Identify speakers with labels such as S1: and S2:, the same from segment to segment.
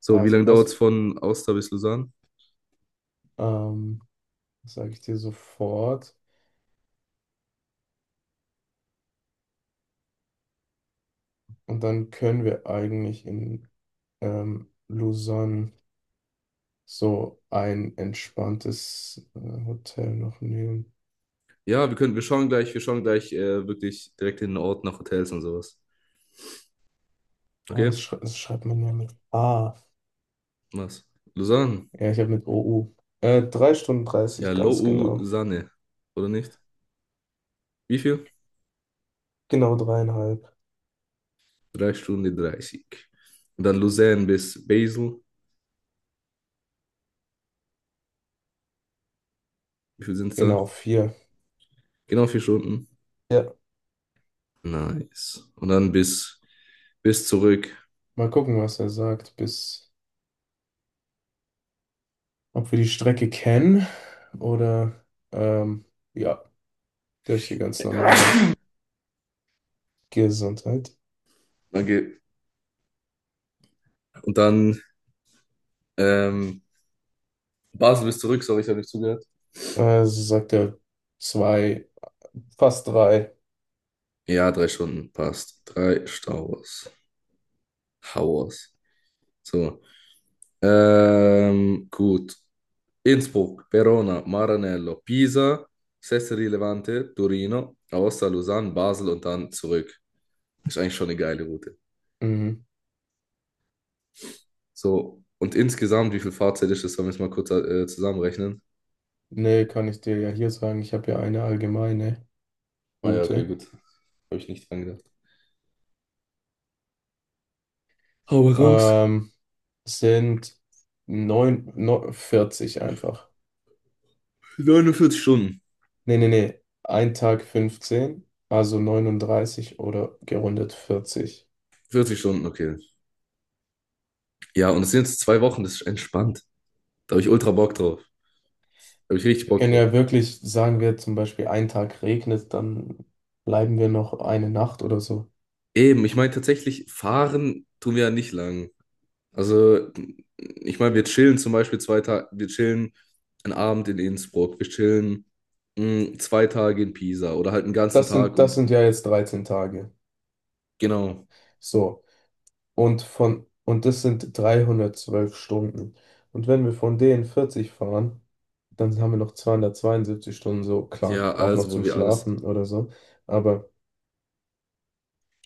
S1: So, wie
S2: Also
S1: lange
S2: was,
S1: dauert es von Aosta bis Lausanne?
S2: ähm, sage ich dir sofort. Und dann können wir eigentlich in Lausanne so ein entspanntes Hotel noch nehmen.
S1: Ja, wir können, wir schauen gleich, wirklich direkt in den Ort nach Hotels und sowas.
S2: Oh,
S1: Okay?
S2: das schreibt man ja mit A.
S1: Was? Lausanne.
S2: Ja, ich habe mit OU. 3 Stunden
S1: Ja,
S2: 30, ganz genau.
S1: Lausanne. Oder nicht? Wie viel?
S2: Genau dreieinhalb.
S1: 3 Stunden 30. Und dann Lausanne bis Basel. Wie viel sind es da?
S2: Genau vier.
S1: Genau 4 Stunden.
S2: Ja.
S1: Nice. Und dann bis, zurück.
S2: Mal gucken, was er sagt, bis ob wir die Strecke kennen oder ähm, ja, durch die ganz normale Gesundheit.
S1: Dann geht, und dann ähm, Basel bis zurück, sorry, ich habe nicht zugehört.
S2: Sie sagt ja zwei, fast drei.
S1: Ja, 3 Stunden, passt. Drei Stauers hours. So. Gut. Innsbruck, Verona, Maranello, Pisa, Sestri Levante, Torino, Aosta, Lausanne, Basel und dann zurück. Ist eigentlich schon eine geile Route.
S2: Mhm.
S1: So, und insgesamt, wie viel Fahrzeit ist das? Sollen wir es mal kurz zusammenrechnen?
S2: Nee, kann ich dir ja hier sagen. Ich habe ja eine allgemeine
S1: Ah ja, okay,
S2: Route.
S1: gut. Habe ich nicht dran gedacht. Hau raus.
S2: Ähm, sind 9, 40 einfach.
S1: 49 Stunden.
S2: Nee, nee, nee. Ein Tag 15, also 39 oder gerundet 40.
S1: 40 Stunden, okay. Ja, und es sind jetzt 2 Wochen, das ist entspannt. Da habe ich ultra Bock drauf. Da habe ich richtig
S2: Wir
S1: Bock
S2: können
S1: drauf.
S2: ja wirklich, sagen wir zum Beispiel, ein Tag regnet, dann bleiben wir noch eine Nacht oder so.
S1: Eben, ich meine tatsächlich, fahren tun wir ja nicht lang. Also, ich meine, wir chillen zum Beispiel 2 Tage, wir chillen einen Abend in Innsbruck, wir chillen 2 Tage in Pisa oder halt einen ganzen
S2: Das
S1: Tag
S2: sind, das
S1: und,
S2: sind ja jetzt 13 Tage.
S1: genau.
S2: So. Und das sind 312 Stunden. Und wenn wir von denen 40 fahren, dann haben wir noch 272 Stunden, so klar,
S1: Ja,
S2: auch noch
S1: also, wo
S2: zum
S1: wir alles.
S2: Schlafen oder so. Aber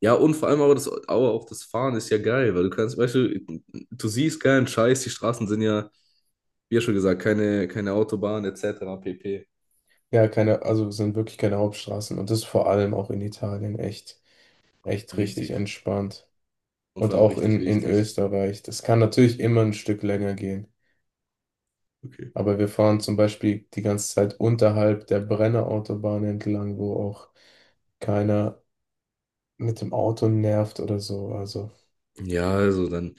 S1: Ja, und vor allem aber, das, aber auch das Fahren ist ja geil, weil du kannst, weißt du, du siehst keinen Scheiß, die Straßen sind ja, wie ja schon gesagt, keine, Autobahn etc. pp.
S2: ja, keine, also es sind wirklich keine Hauptstraßen. Und das ist vor allem auch in Italien echt, echt richtig
S1: Wichtig.
S2: entspannt.
S1: Und
S2: Und
S1: vor allem
S2: auch
S1: richtig
S2: in
S1: wichtig.
S2: Österreich. Das kann natürlich immer ein Stück länger gehen.
S1: Okay.
S2: Aber wir fahren zum Beispiel die ganze Zeit unterhalb der Brennerautobahn entlang, wo auch keiner mit dem Auto nervt oder so. Also.
S1: Ja, also dann,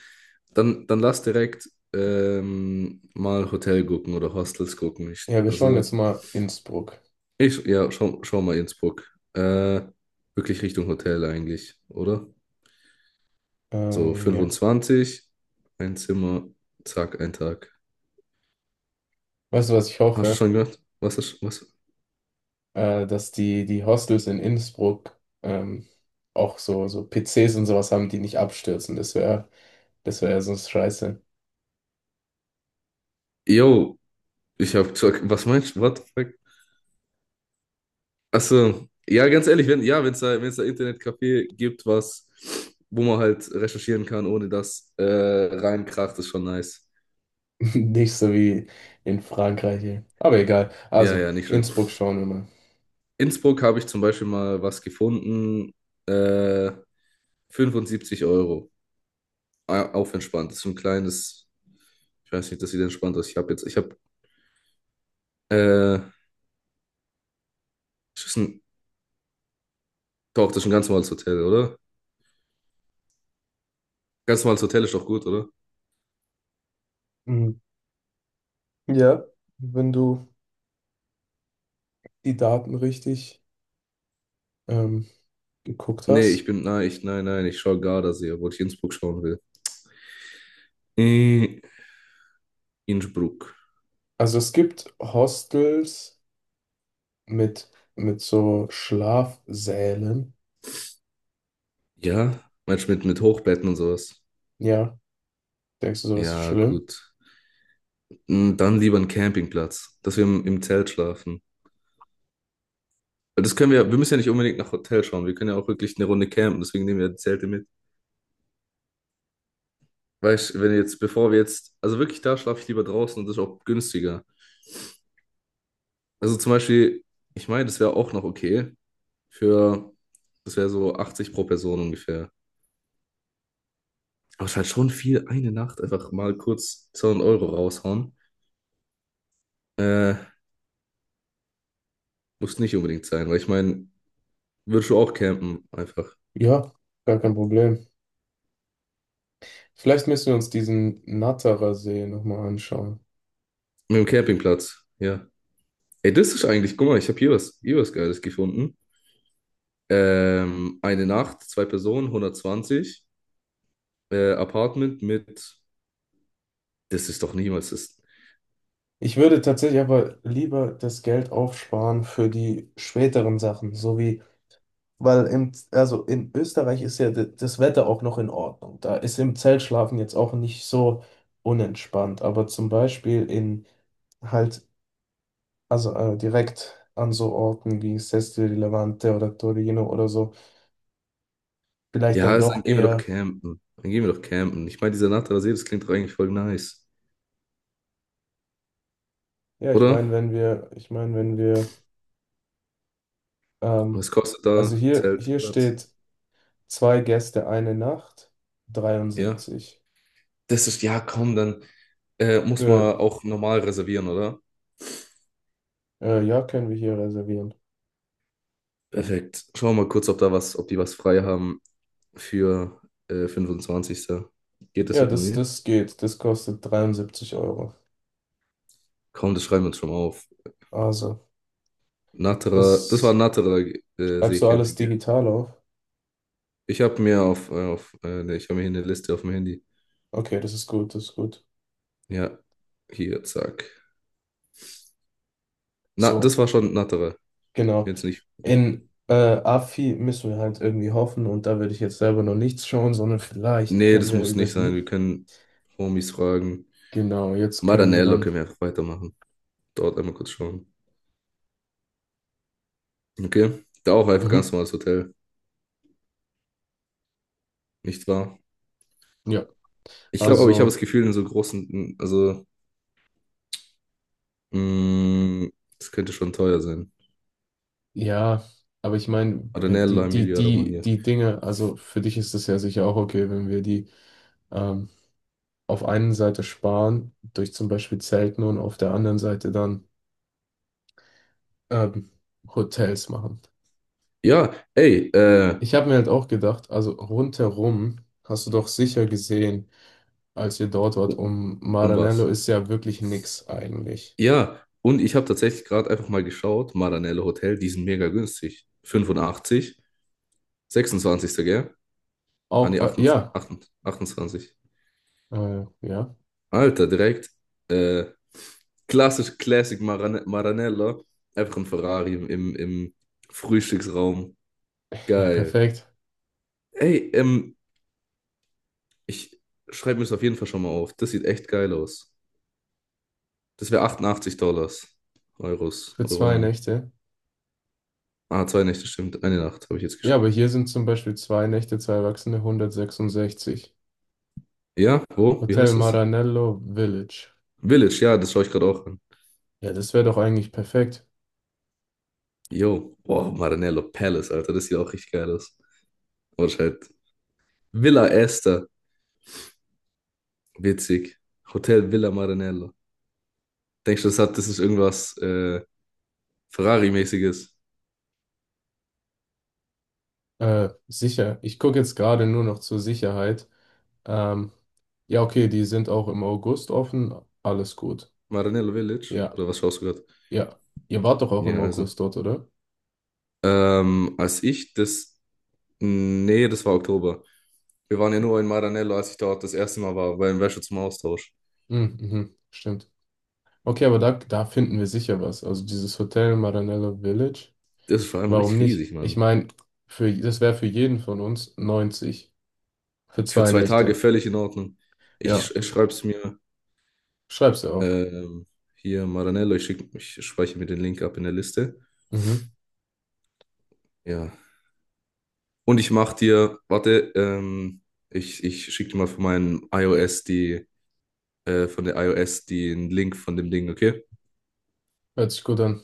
S1: dann, dann lass direkt mal Hotel gucken oder Hostels gucken. Ich,
S2: Ja, wir schauen jetzt
S1: also,
S2: mal Innsbruck.
S1: ich, ja, schau mal Innsbruck. Äh, wirklich Richtung Hotel eigentlich, oder? So
S2: Ja.
S1: 25, ein Zimmer, zack, ein Tag.
S2: Weißt du, was ich
S1: Hast du
S2: hoffe?
S1: schon gehört? Was ist, was?
S2: Dass die Hostels in Innsbruck ähm, auch so PCs und sowas haben, die nicht abstürzen. Das wäre ja sonst scheiße.
S1: Yo, ich hab gesagt, was meinst du? What the fuck? Achso, ja, ganz ehrlich, wenn ja, wenn es da, Internetcafé gibt, was, wo man halt recherchieren kann, ohne dass reinkracht, ist schon nice.
S2: Nicht so wie in Frankreich hier. Aber egal.
S1: Ja,
S2: Also,
S1: ja, nicht schlimm.
S2: Innsbruck schauen wir mal.
S1: Innsbruck habe ich zum Beispiel mal was gefunden, äh, 75 Euro, auf entspannt. Das ist so ein kleines, ich weiß nicht, das sieht entspannt aus. Ich habe jetzt, ich habe, äh, ist das ein, doch, das ist ein ganz normales Hotel, oder? Ganz normales Hotel ist doch gut, oder?
S2: Mhm. Ja, wenn du die Daten richtig ähm, geguckt
S1: Nee, ich
S2: hast.
S1: bin, nein, ich, nein, nein, ich schaue Gardasee, obwohl ich Innsbruck schauen will. Äh, Innsbruck.
S2: Also es gibt Hostels mit, mit so Schlafsälen.
S1: Ja, meinst du mit, Hochbetten und sowas?
S2: Ja. Denkst du, sowas ist
S1: Ja,
S2: schlimm?
S1: gut. Dann lieber einen Campingplatz, dass wir im, Zelt schlafen. Weil das können wir, ja, wir müssen ja nicht unbedingt nach Hotel schauen. Wir können ja auch wirklich eine Runde campen, deswegen nehmen wir die Zelte mit. Weißt du, wenn jetzt, bevor wir jetzt, also wirklich, da schlafe ich lieber draußen und das ist auch günstiger. Also zum Beispiel, ich meine, das wäre auch noch okay für, das wäre so 80 pro Person ungefähr. Aber es ist halt schon viel, eine Nacht einfach mal kurz 200 € raushauen. Äh, muss nicht unbedingt sein, weil ich meine, würdest du auch campen, einfach.
S2: Ja, gar kein Problem. Vielleicht müssen wir uns diesen Natterer See nochmal anschauen.
S1: Mit dem Campingplatz, ja. Ey, das ist eigentlich, guck mal, ich habe hier was Geiles gefunden. Eine Nacht, 2 Personen, 120 Apartment mit, das ist doch niemals, das,
S2: Ich würde tatsächlich aber lieber das Geld aufsparen für die späteren Sachen, so wie, weil im, also in Österreich ist ja das Wetter auch noch in Ordnung. Da ist im Zelt schlafen jetzt auch nicht so unentspannt. Aber zum Beispiel in halt, also direkt an so Orten wie Sestri di Levante oder Torino oder so, vielleicht
S1: ja,
S2: dann
S1: also dann
S2: doch
S1: gehen wir doch
S2: eher.
S1: campen. Dann gehen wir doch campen. Ich meine, dieser Natterer See, das klingt doch eigentlich voll nice,
S2: Ja, ich
S1: oder?
S2: meine, wenn wir, ich meine, wenn wir, ähm,
S1: Was kostet
S2: also
S1: da
S2: hier,
S1: Zelt,
S2: hier
S1: Platz?
S2: steht zwei Gäste, eine Nacht,
S1: Ja,
S2: 73.
S1: das ist, ja, komm, dann muss
S2: Für,
S1: man auch normal reservieren, oder?
S2: ja, können wir hier reservieren.
S1: Perfekt. Schauen wir mal kurz, ob da was, ob die was frei haben. Für 25. Geht das
S2: Ja, das,
S1: irgendwie?
S2: das geht. Das kostet 73 Euro.
S1: Komm, das schreiben wir uns schon mal auf.
S2: Also,
S1: Natterer, das war
S2: das
S1: Natterer
S2: schreibst du alles
S1: Seecamping, gell?
S2: digital auf.
S1: Ich habe mir auf ne, ich habe mir hier eine Liste auf dem Handy.
S2: Okay, das ist gut, das ist gut.
S1: Ja, hier, zack. Na,
S2: So,
S1: das war schon Natterer. Ich
S2: genau.
S1: bin jetzt nicht. Ja.
S2: In AFI müssen wir halt irgendwie hoffen und da würde ich jetzt selber noch nichts schauen, sondern vielleicht
S1: Nee,
S2: können
S1: das
S2: wir
S1: muss
S2: über
S1: nicht sein.
S2: die.
S1: Wir können Homies fragen.
S2: Genau, jetzt können wir
S1: Maranello
S2: dann.
S1: können wir einfach weitermachen. Dort einmal kurz schauen. Okay? Da auch einfach ganz
S2: Mhm,
S1: normales Hotel. Nicht wahr?
S2: ja,
S1: Ich glaube aber, ich habe das
S2: also.
S1: Gefühl, in so großen, also, Mm, das könnte schon teuer sein.
S2: Ja, aber ich meine, wenn
S1: Arenella,
S2: die, die,
S1: Emilia,
S2: die,
S1: Romagna.
S2: die Dinge, also für dich ist es ja sicher auch okay, wenn wir die ähm, auf einen Seite sparen, durch zum Beispiel Zelten und auf der anderen Seite dann ähm, Hotels machen.
S1: Ja, ey,
S2: Ich habe mir halt auch gedacht, also rundherum hast du doch sicher gesehen, als ihr dort wart,
S1: um,
S2: um Maranello
S1: was?
S2: ist ja wirklich nix eigentlich.
S1: Ja, und ich habe tatsächlich gerade einfach mal geschaut, Maranello Hotel, die sind mega günstig. 85, 26, gell? Ah, nee,
S2: Auch, ja,
S1: 28, 28.
S2: ja,
S1: Alter, direkt. Äh, klassisch Classic Maranello. Einfach ein Ferrari im, Frühstücksraum.
S2: ja,
S1: Geil.
S2: perfekt.
S1: Ey, ich schreibe mir das auf jeden Fall schon mal auf. Das sieht echt geil aus. Das wäre 88 Dollars. Euros,
S2: Für zwei
S1: Euronen.
S2: Nächte.
S1: Ah, 2 Nächte, stimmt. Eine Nacht habe ich jetzt
S2: Ja,
S1: geschaut.
S2: aber hier sind zum Beispiel zwei Nächte, zwei Erwachsene, 166.
S1: Ja, wo? Wie
S2: Hotel
S1: heißt es?
S2: Maranello Village.
S1: Village, ja, das schaue ich gerade auch an.
S2: Ja, das wäre doch eigentlich perfekt.
S1: Yo, wow, Maranello Palace, Alter, das sieht auch richtig geil aus. Oder halt Villa Esther, witzig. Hotel Villa Maranello. Denkst du, das hat, das ist irgendwas Ferrari-mäßiges?
S2: Sicher. Ich gucke jetzt gerade nur noch zur Sicherheit. Ähm, ja, okay, die sind auch im August offen. Alles gut.
S1: Maranello Village?
S2: Ja,
S1: Oder was schaust du gerade?
S2: ja. Ihr wart doch auch im
S1: Ja, also.
S2: August dort, oder?
S1: Als ich das. Nee, das war Oktober. Wir waren ja nur in Maranello, als ich dort das erste Mal war, beim Wäsche zum Austausch.
S2: Mhm, mhm, stimmt. Okay, aber da finden wir sicher was. Also dieses Hotel Maranello Village.
S1: Das ist vor allem
S2: Warum
S1: richtig
S2: nicht?
S1: riesig,
S2: Ich
S1: Mann.
S2: meine, für, das wäre für jeden von uns 90 für
S1: Für
S2: zwei
S1: 2 Tage
S2: Nächte.
S1: völlig in Ordnung. Ich,
S2: Ja,
S1: sch- ich schreibe es mir
S2: schreib's dir auf.
S1: ähm, hier, Maranello. Ich speichere mir den Link ab in der Liste.
S2: Mhm.
S1: Ja. Und ich mache dir, warte, ich schicke dir mal von meinem iOS die, von der iOS den Link von dem Ding, okay?
S2: Hört sich gut an.